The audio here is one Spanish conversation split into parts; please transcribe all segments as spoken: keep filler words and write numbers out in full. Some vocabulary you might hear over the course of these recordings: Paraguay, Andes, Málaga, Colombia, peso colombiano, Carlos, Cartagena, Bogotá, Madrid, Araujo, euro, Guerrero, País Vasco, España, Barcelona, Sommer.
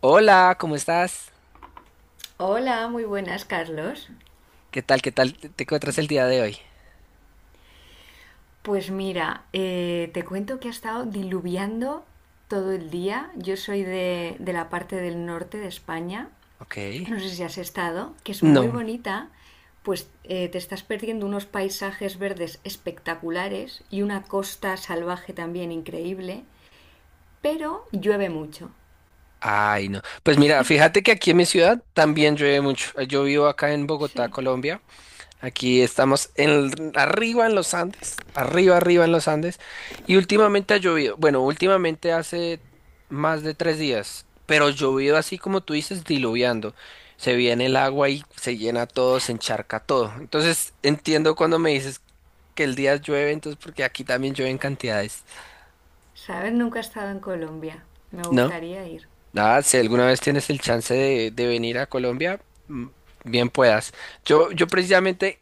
Hola, ¿cómo estás? Hola, muy buenas, Carlos. ¿Qué tal? ¿Qué tal te te encuentras el día de hoy? Pues mira, eh, te cuento que ha estado diluviando todo el día. Yo soy de, de la parte del norte de España, Ok. no sé si has estado, que es muy No. bonita, pues eh, te estás perdiendo unos paisajes verdes espectaculares y una costa salvaje también increíble, pero llueve mucho. Ay, no. Pues mira, fíjate que aquí en mi ciudad también llueve mucho. Yo vivo acá en Bogotá, Sí, Colombia. Aquí estamos en, arriba en los Andes, arriba, arriba en los Andes, y últimamente ha llovido, bueno, últimamente hace más de tres días, pero llovido así como tú dices, diluviando. Se viene el agua y se llena todo, se encharca todo. Entonces entiendo cuando me dices que el día llueve, entonces porque aquí también llueve en cantidades, sabes, nunca he estado en Colombia. Me ¿no? gustaría ir. Nada, si alguna vez tienes el chance de, de venir a Colombia, mm, bien puedas. Yo, yo precisamente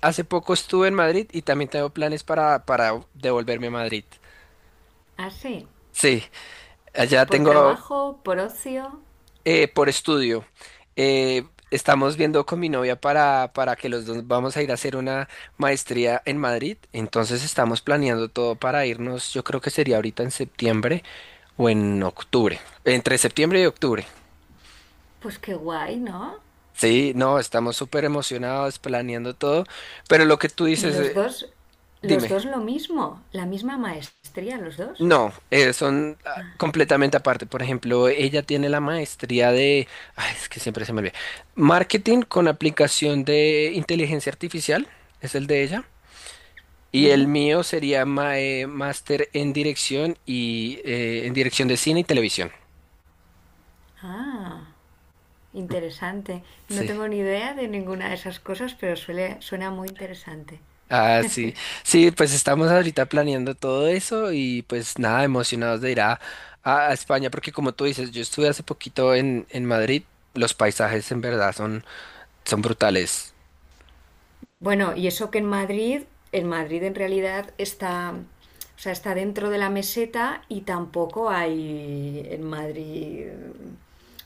hace poco estuve en Madrid y también tengo planes para, para devolverme a Madrid. Ah, sí, Sí, allá por tengo trabajo, por ocio. eh, por estudio. Eh, estamos viendo con mi novia para, para que los dos vamos a ir a hacer una maestría en Madrid. Entonces estamos planeando todo para irnos. Yo creo que sería ahorita en septiembre o en octubre. Entre septiembre y octubre. Pues qué guay, ¿no? Sí, no, estamos súper emocionados planeando todo. Pero lo que tú Y dices, los eh, dos, los dime. dos lo mismo, la misma maestría, los dos. No, eh, son ah, completamente aparte. Por ejemplo, ella tiene la maestría de, ay, es que siempre se me olvida, marketing con aplicación de inteligencia artificial, es el de ella. Y el Ujú. mío sería ma- eh, máster en dirección y eh, en dirección de cine y televisión. Ah, interesante. No Sí. tengo ni idea de ninguna de esas cosas, pero suele, suena muy interesante. Ah, sí. Sí, pues estamos ahorita planeando todo eso y pues nada, emocionados de ir a, a- a España, porque como tú dices, yo estuve hace poquito en, en Madrid, los paisajes en verdad son, son brutales. Bueno, y eso que en Madrid, en Madrid en realidad está, o sea, está dentro de la meseta y tampoco hay en Madrid.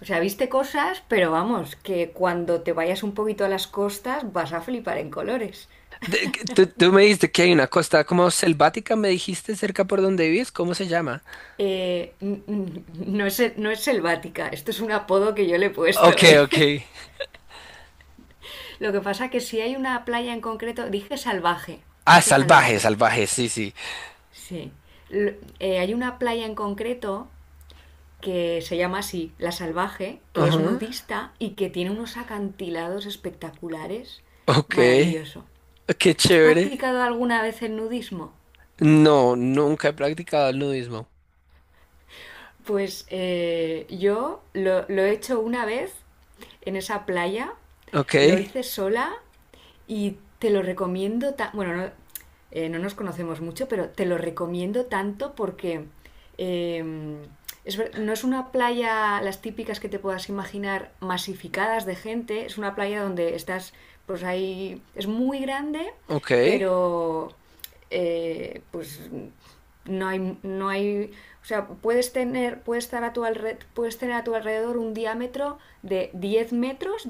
O sea, viste cosas, pero vamos, que cuando te vayas un poquito a las costas vas a flipar en colores. De- que- tú, tú me dijiste que hay una costa como selvática, me dijiste cerca por donde vives, ¿cómo se llama? Eh, no, es, no es selvática, esto es un apodo que yo le he puesto, Ok, ¿eh? ok. Lo que pasa que si hay una playa en concreto, dije salvaje, Ah, dije salvaje, salvaje, salvaje, sí, sí. sí. L- eh, hay una playa en concreto que se llama así, La Salvaje, que es Ajá. nudista y que tiene unos acantilados espectaculares, Ok, maravilloso. qué ¿Has chévere. practicado alguna vez el nudismo? No, nunca he practicado el nudismo. Pues eh, yo lo, lo he hecho una vez en esa playa, Ok, lo hice sola y te lo recomiendo. Bueno, no, eh, no nos conocemos mucho, pero te lo recomiendo tanto porque eh, es no es una playa, las típicas que te puedas imaginar, masificadas de gente, es una playa donde estás, pues ahí, es muy grande, ok. pero eh, pues no hay, no hay, o sea, puedes tener, puedes estar a tu alre- puedes tener a tu alrededor un diámetro de diez metros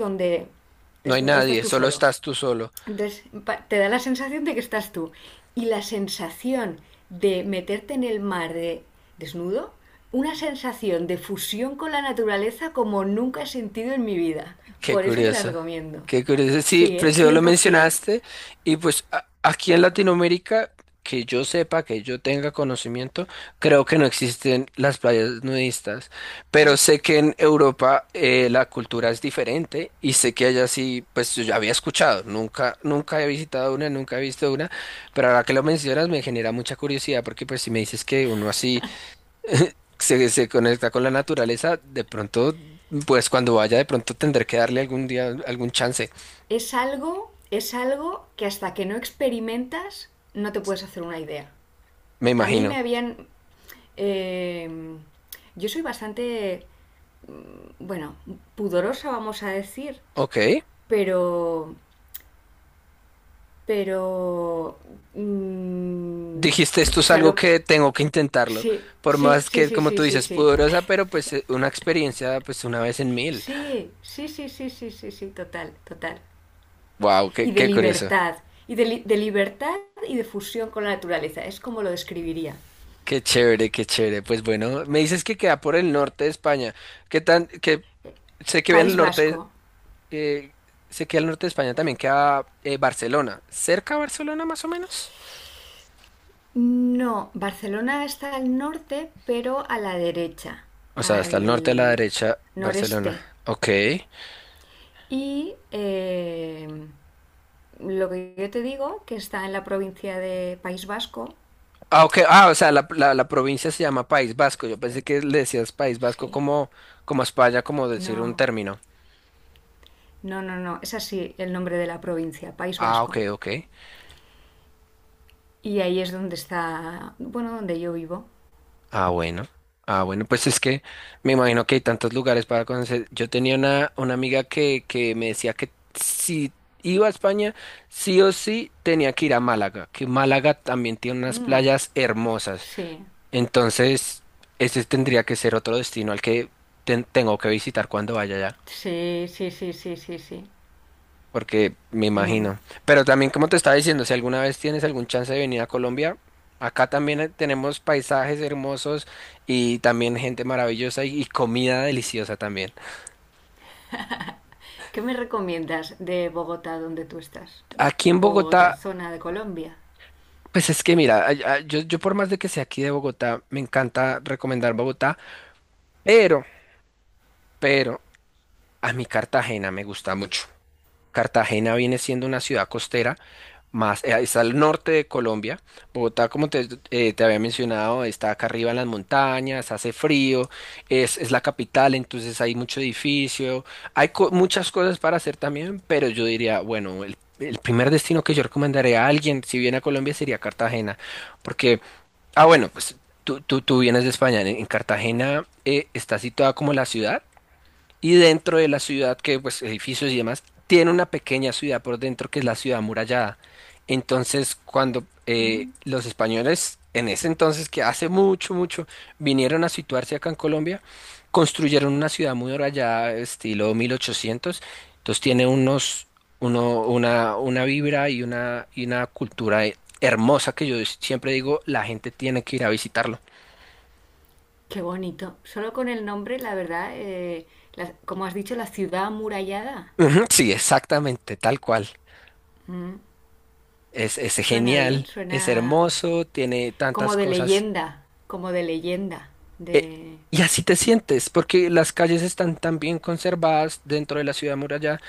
No hay donde estás nadie, tú solo solo. estás tú solo. Entonces te da la sensación de que estás tú. Y la sensación de meterte en el mar de desnudo, una sensación de fusión con la naturaleza como nunca he sentido en mi vida. Qué Por eso te la curioso, recomiendo. qué curioso. Sí, Sí, ¿eh? preciso cien lo por cien mencionaste. Y pues a- aquí en Latinoamérica, que yo sepa, que yo tenga conocimiento, creo que no existen las playas nudistas. Pero sé que en Europa eh, la cultura es diferente y sé que allá sí, pues yo ya había escuchado. Nunca, nunca he visitado una, nunca he visto una. Pero ahora que lo mencionas me genera mucha curiosidad porque pues si me dices que uno así se, se conecta con la naturaleza, de pronto, pues cuando vaya, de pronto tendré que darle algún día algún chance, Es algo, es algo que hasta que no experimentas no te puedes hacer una idea. me A mí me imagino. habían... eh, yo soy bastante, bueno, pudorosa, vamos a decir, Ok. pero pero... mm, Dijiste, esto o es sea, algo lo... que tengo que intentarlo. Sí, Por sí, más sí, que, sí, como sí, tú sí, dices, sí. pudorosa, pero pues eh, una experiencia, pues una vez en mil. Sí, sí, sí, sí, sí, sí, sí, sí, total, total. Wow, Y qué, de qué curioso. libertad, y de, li- de libertad y de fusión con la naturaleza, es como lo describiría. Qué chévere, qué chévere. Pues bueno, me dices que queda por el norte de España. ¿Qué tan, que sé que en el País Vasco. norte, eh, sé que al norte de España también queda eh, Barcelona. ¿Cerca a Barcelona más o menos? No, Barcelona está al norte, pero a la derecha, O sea, hasta el norte a la al derecha, Barcelona. noreste. Ok. Y eh, lo que yo te digo, que está en la provincia de País Vasco. Ah, ok. Ah, o sea, la, la- la provincia se llama País Vasco. Yo pensé que le decías País Vasco Sí. como, como a España, como decir un No, término. no, no, no. Es así el nombre de la provincia, País Ah, ok, Vasco. ok. Y ahí es donde está, bueno, donde yo vivo. Ah, bueno. Ah, bueno, pues es que me imagino que hay tantos lugares para conocer. Yo tenía una, una amiga que, que me decía que si iba a España, sí o sí tenía que ir a Málaga, que Málaga también tiene unas Mm, playas hermosas. sí, Entonces, ese tendría que ser otro destino al que ten- tengo que visitar cuando vaya allá, sí, sí, sí, sí, sí, sí. porque me Mm. imagino. Pero también, como te estaba diciendo, si alguna vez tienes algún chance de venir a Colombia, acá también eh, tenemos paisajes hermosos y también gente maravillosa y, y comida deliciosa también. ¿Qué me recomiendas de Bogotá, donde tú estás? Aquí en ¿O Bogotá, otra zona de Colombia? pues es que mira, ay- ay, yo, yo por más de que sea aquí de Bogotá, me encanta recomendar Bogotá, pero, pero a mi Cartagena me gusta mucho. Cartagena viene siendo una ciudad costera. Más, eh, está al norte de Colombia. Bogotá, como te, eh, te había mencionado, está acá arriba en las montañas, hace frío, es, es la capital, entonces hay mucho edificio, hay co- muchas cosas para hacer también, pero yo diría, bueno, el, el primer destino que yo recomendaría a alguien, si viene a Colombia, sería Cartagena, porque, ah, bueno, pues tú, tú, tú vienes de España, en, en Cartagena eh, está situada como la ciudad. Y dentro de la ciudad, que pues edificios y demás, tiene una pequeña ciudad por dentro que es la ciudad amurallada. Entonces, cuando eh, Mm. los españoles en ese entonces, que hace mucho, mucho, vinieron a situarse acá en Colombia, construyeron una ciudad amurallada estilo mil ochocientos. Entonces tiene unos, uno, una, una vibra y una, y una cultura eh, hermosa que yo siempre digo, la gente tiene que ir a visitarlo. Qué bonito. Solo con el nombre, la verdad, eh, la- como has dicho, la ciudad amurallada. Ujú. Sí, exactamente, tal cual. Mm. Es, es Suena bien, genial, es suena hermoso, tiene tantas como de cosas. leyenda, como de leyenda, Eh, de... y así te sientes, porque las calles están tan bien conservadas dentro de la ciudad muralla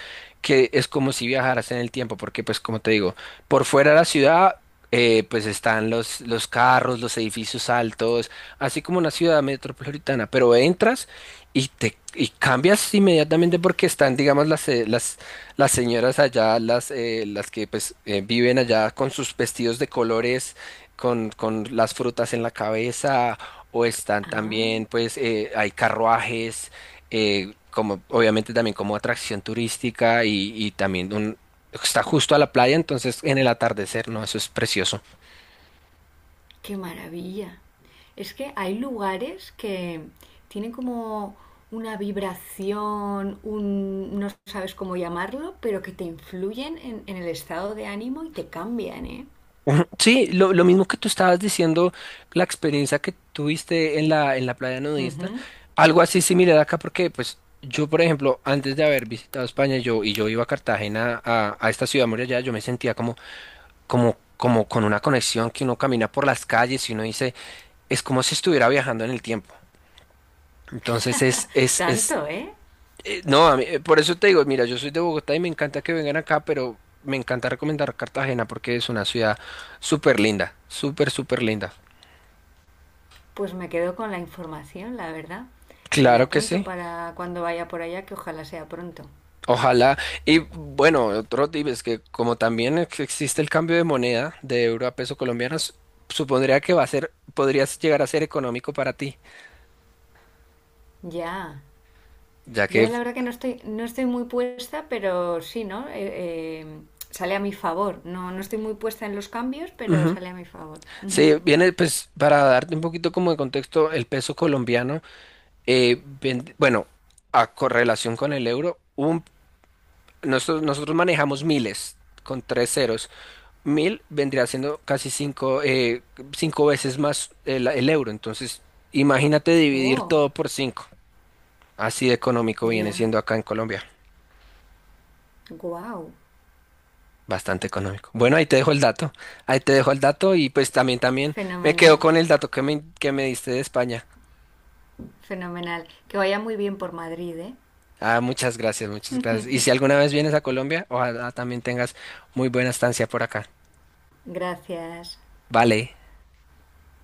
que es como si viajaras en el tiempo, porque pues como te digo, por fuera de la ciudad eh, pues están los, los carros, los edificios altos, así como una ciudad metropolitana, pero entras y te y cambias inmediatamente porque están, digamos, las, eh, las, las señoras allá, las, eh, las que pues eh, viven allá con sus vestidos de colores, con, con las frutas en la cabeza o están Ah, también, pues, eh, hay carruajes, eh, como obviamente también como atracción turística y, y también un, está justo a la playa, entonces en el atardecer, ¿no? Eso es precioso. qué maravilla. Es que hay lugares que tienen como una vibración, un, no sabes cómo llamarlo, pero que te influyen en, en el estado de ánimo y te cambian, ¿eh? Ujú. Sí, lo, lo mismo que tú estabas diciendo, la experiencia que tuviste en la, en la playa nudista, Ujú. algo así similar acá, porque pues yo, por ejemplo, antes de haber visitado España, yo, y yo iba a Cartagena, a, a esta ciudad muralla, yo me sentía como, como, como con una conexión que uno camina por las calles y uno dice es como si estuviera viajando en el tiempo. Entonces es, es, es, Tanto, ¿eh? eh, no, a mí- eh, por eso te digo, mira, yo soy de Bogotá y me encanta que vengan acá, pero me encanta recomendar Cartagena porque es una ciudad súper linda, súper, súper linda. Pues me quedo con la información, la verdad. Me la Claro que apunto sí. para cuando vaya por allá, que ojalá sea pronto. Ojalá. Y bueno, otro tip es que como también ex- existe el cambio de moneda de euro a peso colombiano, s- supondría que va a ser, podrías llegar a ser económico para ti, Ya. ya que Yo la verdad que no estoy, no estoy muy puesta, pero sí, ¿no? Eh, eh, sale a mi favor. No, no estoy muy puesta en los cambios, pero Ujú. sale a mi favor. Ujú. Sí, viene pues para darte un poquito como de contexto, el peso colombiano Eh, ven- bueno, a correlación con el euro, un- nosotros, nosotros manejamos miles con tres ceros. Mil vendría siendo casi cinco, eh, cinco veces más el, el euro. Entonces, imagínate dividir Wow, todo por cinco. Así de económico viene ya, siendo acá en Colombia. wow. Bastante económico. Bueno, ahí te dejo el dato. Ahí te dejo el dato y pues también, también me quedo Fenomenal, con el dato que me, que me diste de España. fenomenal. Que vaya muy bien por Madrid, ¿eh? Ah, muchas gracias, muchas gracias. Y si alguna vez vienes a Colombia, ojalá también tengas muy buena estancia por acá. Gracias. Vale.